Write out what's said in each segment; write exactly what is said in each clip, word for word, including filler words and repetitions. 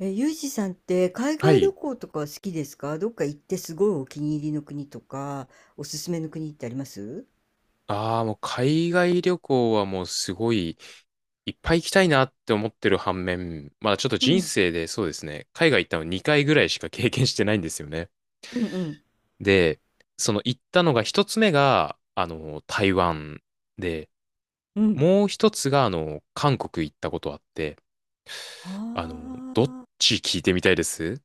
え、ユージさんって海は外旅い。行とか好きですか？どっか行ってすごいお気に入りの国とか、おすすめの国ってあります？ああ、もう海外旅行はもうすごいいっぱい行きたいなって思ってる反面、まあちょっとう人ん。生でそうですね、海外行ったのにかいぐらいしか経験してないんですよね。うんうん。で、その行ったのが一つ目が、あの、台湾で、うん。もう一つが、あの、韓国行ったことあって、ああの、どっあち聞いてみたいです。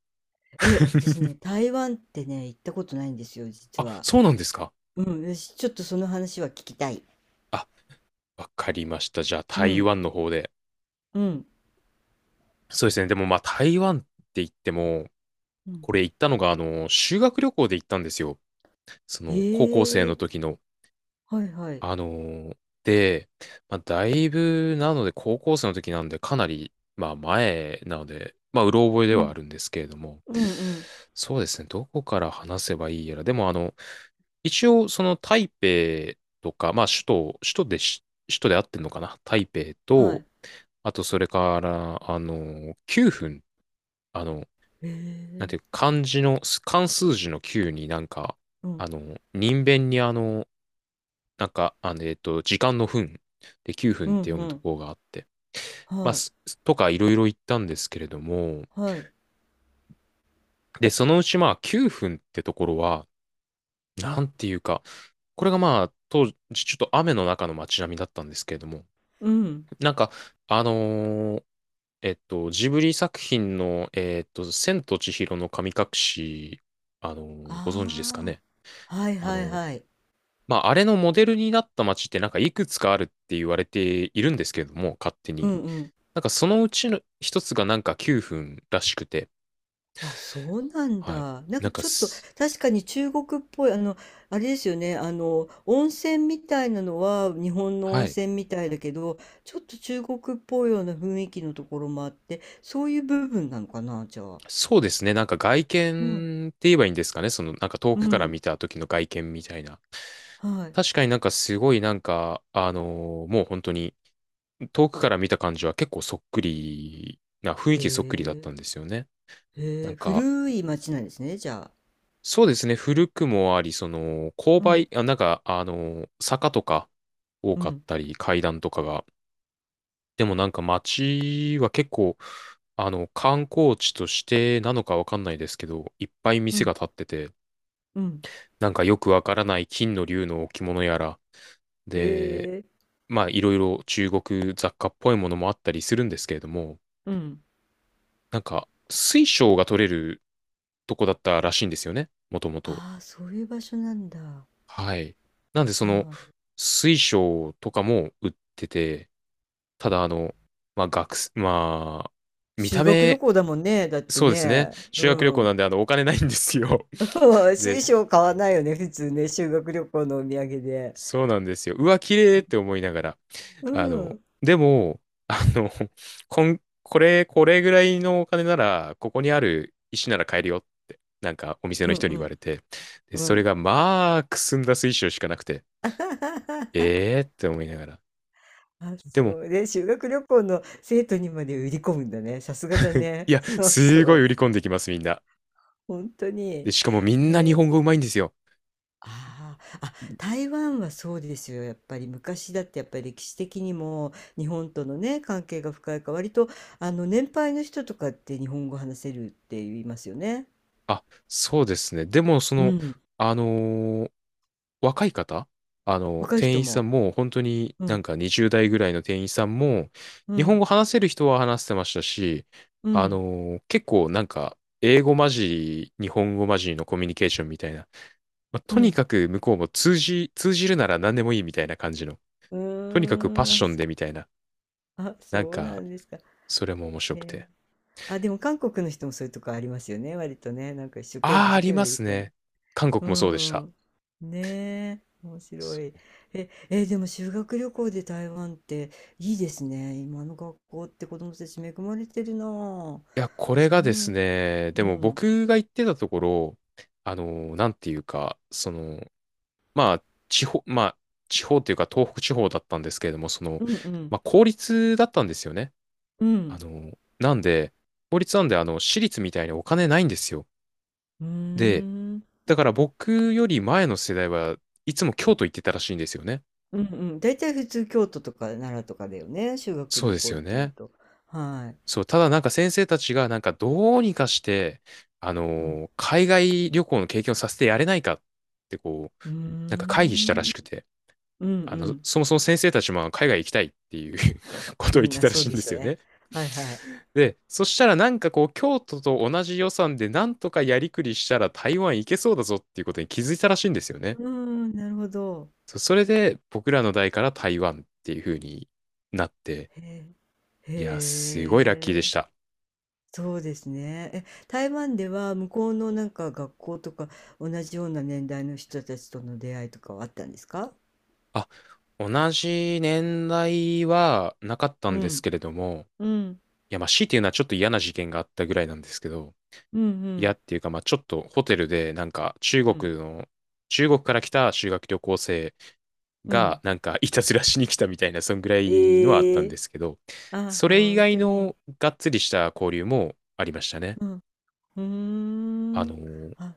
ー。え、私ね、台湾ってね、行ったことないんですよ、実あ、は。そうなんですか。うん、よし、ちょっとその話は聞きたい。あ、わかりました。じゃあう台ん湾の方で。うん。そうですね。でもまあ台湾って言っても、うん。これ行ったのが、あの、修学旅行で行ったんですよ。そへの、高校生のえ。時の。はいはい。あのーで、まあ、だいぶ、なので、高校生の時なんで、かなり、まあ、前なので、まあ、うろ覚えでうはんあるんですけれども、うん。うん。そうですね、どこから話せばいいやら、でも、あの、一応、その、台北とか、まあ、首都、首都でし、首都で合ってんのかな台北はと、い。あと、それから、あの、九分、あの、へなんてえ。いうか、漢字の、漢数字のきゅうになんか、うんあの、人弁にあの、なんか、あの、えっと、時間の分できゅうふんうってん。読うむとん。こがあって、まあ、はい。すとかいろいろ言ったんですけれども、はい。で、そのうちまあきゅうふんってところは、なんていうか、これがまあ、当時ちょっと雨の中の街並みだったんですけれども、うん。なんか、あのーえっと、ジブリ作品の、えっと、千と千尋の神隠し、あのーご存知ですかあね。あ、はいあはのいーはい。まあ、あれのモデルになった街ってなんかいくつかあるって言われているんですけれども、勝手うに。んうん。なんかそのうちの一つがなんかきゅうふんらしくて、あ、そうなんはい。だ。なんなかんかちょっとす、確かに中国っぽい、あの、あれですよね、あの、温泉みたいなのは日本の温はい。泉みたいだけど、ちょっと中国っぽいような雰囲気のところもあって、そういう部分なのかな、じゃあ。そうですね。なんか外うん。見って言えばいいんですかね。そのなんか遠うくからん。見た時の外見みたいな。はい。確かになんかすごいなんか、あのーもう本当に遠くから見た感じは結構そっくりな、雰へ囲気そっくりだったんえ。ですよね。なへんえ。か、古い町なんですね、じゃあ。そうですね。古くもあり、その、勾うん。配、あ、なんか、あの、坂とか多うかっん。たり、階段とかが。でもなんか街は結構、あの、観光地としてなのかわかんないですけど、いっぱいう店がん。立ってて、うん。なんかよくわからない金の竜の置物やら、へで、え。まあ、いろいろ中国雑貨っぽいものもあったりするんですけれども、うん。なんか、水晶が取れるとこだったらしいんですよね。もともと。ああ、そういう場所なんだ。ははい。なんで、その、あ。水晶とかも売ってて、ただ、あの、まあ、学生、まあ、見修た学旅目、行だもんね。だってそうですね。ね。修学旅う行ん。なんで、あの、お金ないんですよ。水で、晶買わないよね。普通ね。修学旅行のお土産で。そうなんですよ。うわ、綺麗って思いながら。うあん。の、うでも、あの、こん、これ、これぐらいのお金なら、ここにある石なら買えるよって、なんか、お店のん人にう言わん。れて、で、うそれん。が、まあ、くすんだ水晶しかなくて、ええーって思いながら。あ、でもそうね。修学旅行の生徒にまで売り込むんだね。さすがだいね。や、そうそすごいう。売り込んできます、みんな。本当に。で、へ、しかもみんな日本語うまいんですよ。ああ、あ、台湾はそうですよ。やっぱり昔だってやっぱり歴史的にも日本とのね、関係が深いから、割とあの年配の人とかって日本語話せるって言いますよね。あ、そうですね。でも、そうの、ん。あのー若い方、あの、若い店人員さも。んも、本当にうなん。んかにじゅう代ぐらいの店員さんも、う日本ん。語話せる人は話してましたし、うあん。のー結構なんか、英語混じり、日本語混じりのコミュニケーションみたいな、まあうとにん。かく向こうも通じ、通じるなら何でもいいみたいな感じの、うとにかくパッーん。シあ、ョンそでみたいな、あ、なんそうなか、んですか。へそれも面白くえ。て。あ、でも韓国の人もそういうとこありますよね。割とね。なんか一生懸命、あ一あ、あ生懸り命ま売すり込んで。ね。韓国うもそうでした。ん。ねえ、面白い。え、え、でも修学旅行で台湾っていいですね。今の学校って子供たち恵まれてるなあ。いや、これそう。うがですん。ね、でもう僕が言ってたところ、あの、なんていうか、その、まあ、地方、まあ、地方というか東北地方だったんですけれども、その、んうまん。あ、公立だったんですよね。うあん。の、なんで、公立なんで、あの、私立みたいにお金ないんですよ。うーで、ん。だから僕より前の世代はいつも京都行ってたらしいんですよね。うんうん。大体普通京都とか奈良とかだよね。修学そう旅です行っよていうね。と。はい。そう、ただなんか先生たちがなんかどうにかして、あうん。のー海外旅行の経験をさせてやれないかってこう、うーなんか会議したらん。しくて、うんうあの、ん。そもそも先生たちも海外行きたいっていう こうとを言っん、てあ、たらそしういんででしすょうよね。ね。はいはい。で、そしたらなんかこう、京都と同じ予算でなんとかやりくりしたら台湾行けそうだぞっていうことに気づいたらしいんですようね。ーん、なるほど。そうそれで僕らの代から台湾っていう風になって、へえ。いや、すごいラッキーでしへえ。た。そうですね。え、台湾では向こうのなんか学校とか同じような年代の人たちとの出会いとかはあったんですか？あ、同じ年代はなかったうんですん。けれども、うん。いや、まあ、強いて言うのはちょっと嫌な事件があったぐらいなんですけど、うんう嫌ん。っていうか、まあ、ちょっとホテルで、なんか、中うん国の、中国から来た修学旅行生うが、ん。なんか、いたずらしに来たみたいな、そんぐらいのはあったえんでえ。すけど、あ、それほ以ん外とに。のがっつりした交流もありましたね。うん。うーあん。のーあ、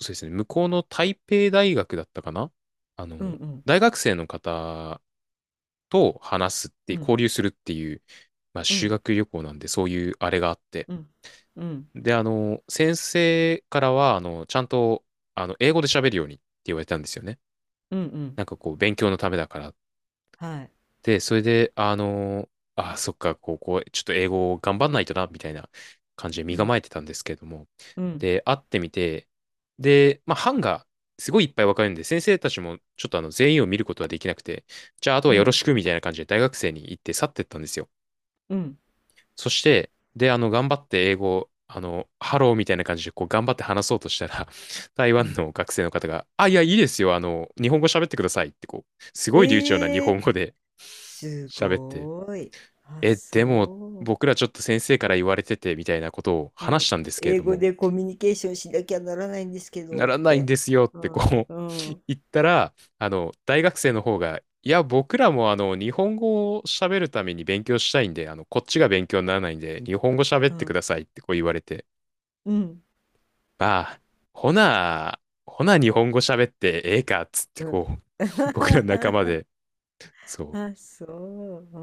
そうですね、向こうの台北大学だったかな、あうん。の、うん。大学生の方と話すってういう、ん。交流するっていう、まあ、う修ん。学旅行なんで、そういうあれがあって。うん。うん。で、あの、先生からは、あの、ちゃんと、あの、英語で喋るようにって言われたんですよね。うん。うん。なんかこう、勉強のためだからっ。はい。で、それで、あの、あ、そっか、ここ、ちょっと英語を頑張んないとな、みたいな感じでう身ん。構えてたんですけれども。うん。で、会ってみて、で、まあ、班がすごいいっぱい分かれるんで、先生たちもちょっとあの、全員を見ることはできなくて、じゃあ、あとはうよろん。しく、みたいな感じで大学生に行って去ってったんですよ。うん。そして、で、あの、頑張って英語を、あの、ハローみたいな感じで、こう、頑張って話そうとしたら、台う湾ん。の学生の方が、あ、いや、いいですよ、あの、日本語喋ってくださいって、こう、すごい流暢な日え本え、語です喋って、ごい。あ、え、でも、そう。僕らちょっと先生から言われててみたいなことをう話ん、したんですけれ英ど語も、でコミュニケーションしなきゃならないんですけなどっらないんて。ですよっうてん。こうう ん。う言ったら、あの、大学生の方が、いや、僕らもあの、日本語を喋るために勉強したいんで、あの、こっちが勉強にならないんで、日本語喋ってん。くださいってこう言われて、うん。まあ、ほな、ほな日本語喋ってええかっつってうん。こう、僕ら仲間 で、そう、っあ、そう。うー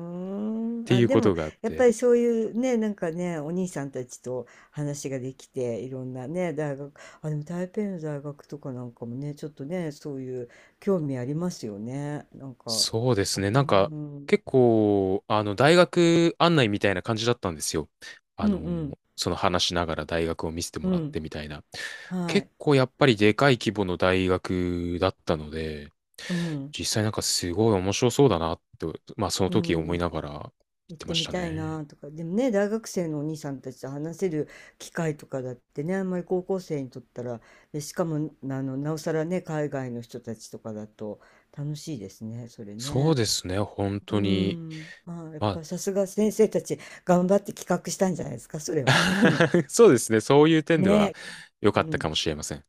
ん。てあ、いうでこも、とがあっやっぱて、りそういうね、なんかね、お兄さんたちと話ができて、いろんなね、大学、あ、でも台北の大学とかなんかもね、ちょっとね、そういう興味ありますよね。なんか、そうですね。うなんか、ん、うん、結構、あの、大学案内みたいな感じだったんですよ。あうの、ん、その話しながら大学を見せてもうらってん、みたいな。は結い、構やっぱりでかい規模の大学だったので、うん、実際なんかすごい面白そうだなと、まあそのう時ん、思い行っながら言っ行っててましみたたいね。なとか、でもね、大学生のお兄さんたちと話せる機会とかだってね、あんまり高校生にとったら、で、しかも、あの、なおさらね、海外の人たちとかだと楽しいですね、それそうね。ですね、本う当に。ん、まあ、やっまぱさすが先生たち頑張って企画したんじゃないですか、それは。あ、そうですね、そういう点ではね、良うかったん、かもしれません。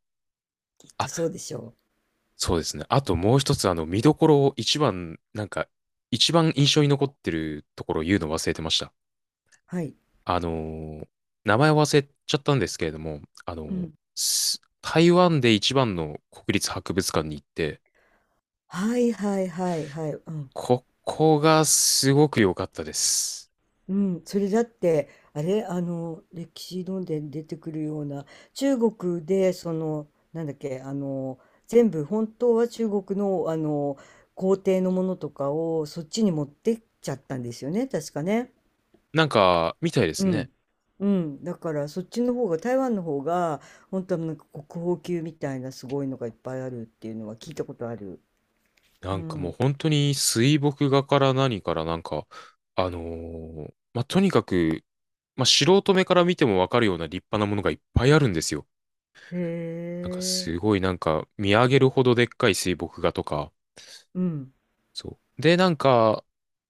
きっとあ、そうでしょう。そうですね。あともう一つ、あの、見どころを一番、なんか、一番印象に残ってるところを言うの忘れてました。はい。あのー名前を忘れちゃったんですけれども、あのうーん。す台湾で一番の国立博物館に行って、はいはいはいはい。うん。ここがすごく良かったです。うん、それだってあれ、あの歴史論で出てくるような中国で、そのなんだっけ、あの全部本当は中国のあの皇帝のものとかをそっちに持ってっちゃったんですよね、確かね。なんか、みたいでうすね。ん、うん、だからそっちの方が台湾の方が本当はなんか国宝級みたいなすごいのがいっぱいあるっていうのは聞いたことある。なうんかもうん。本当に水墨画から何からなんか、あのーまあ、とにかく、まあ、素人目から見てもわかるような立派なものがいっぱいあるんですよ。へなんかすえ。ごいなんか見上げるほどでっかい水墨画とか、うん。そう。で、なんか、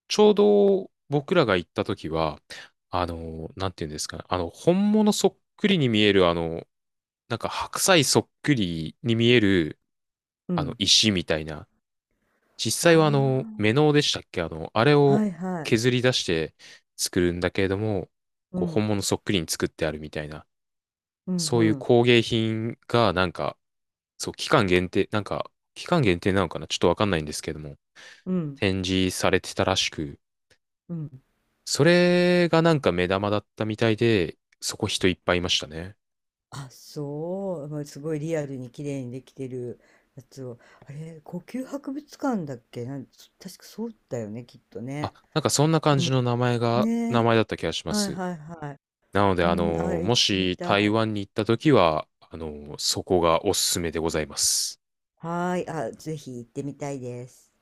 ちょうど僕らが行った時は、あの、なんていうんですかね、あの、本物そっくりに見える、あの、なんか白菜そっくりに見える、うあの、ん。石みたいな、実あ際はあの、メノウでしたっけあの、あれあ、をはいはい。削り出して作るんだけれども、うこう、ん。本物そっくりに作ってあるみたいな、うん。そうういうん。工芸品がなんか、そう、期間限定、なんか、期間限定なのかなちょっとわかんないんですけども、うん。展示されてたらしく、うん。それがなんか目玉だったみたいで、そこ人いっぱいいましたね。あ、そう。まあすごいリアルに綺麗にできてるやつを。あれ、故宮博物館だっけ、なん、そ確かそうだよね、きっとあ、ね。なんかそんな感じの名前が、ね名え。前だった気がしまはいす。はいはい。なので、あうん、あ、の、行もってみした台い。湾に行った時は、あの、そこがおすすめでございます。はーい。あ、ぜひ行ってみたいです。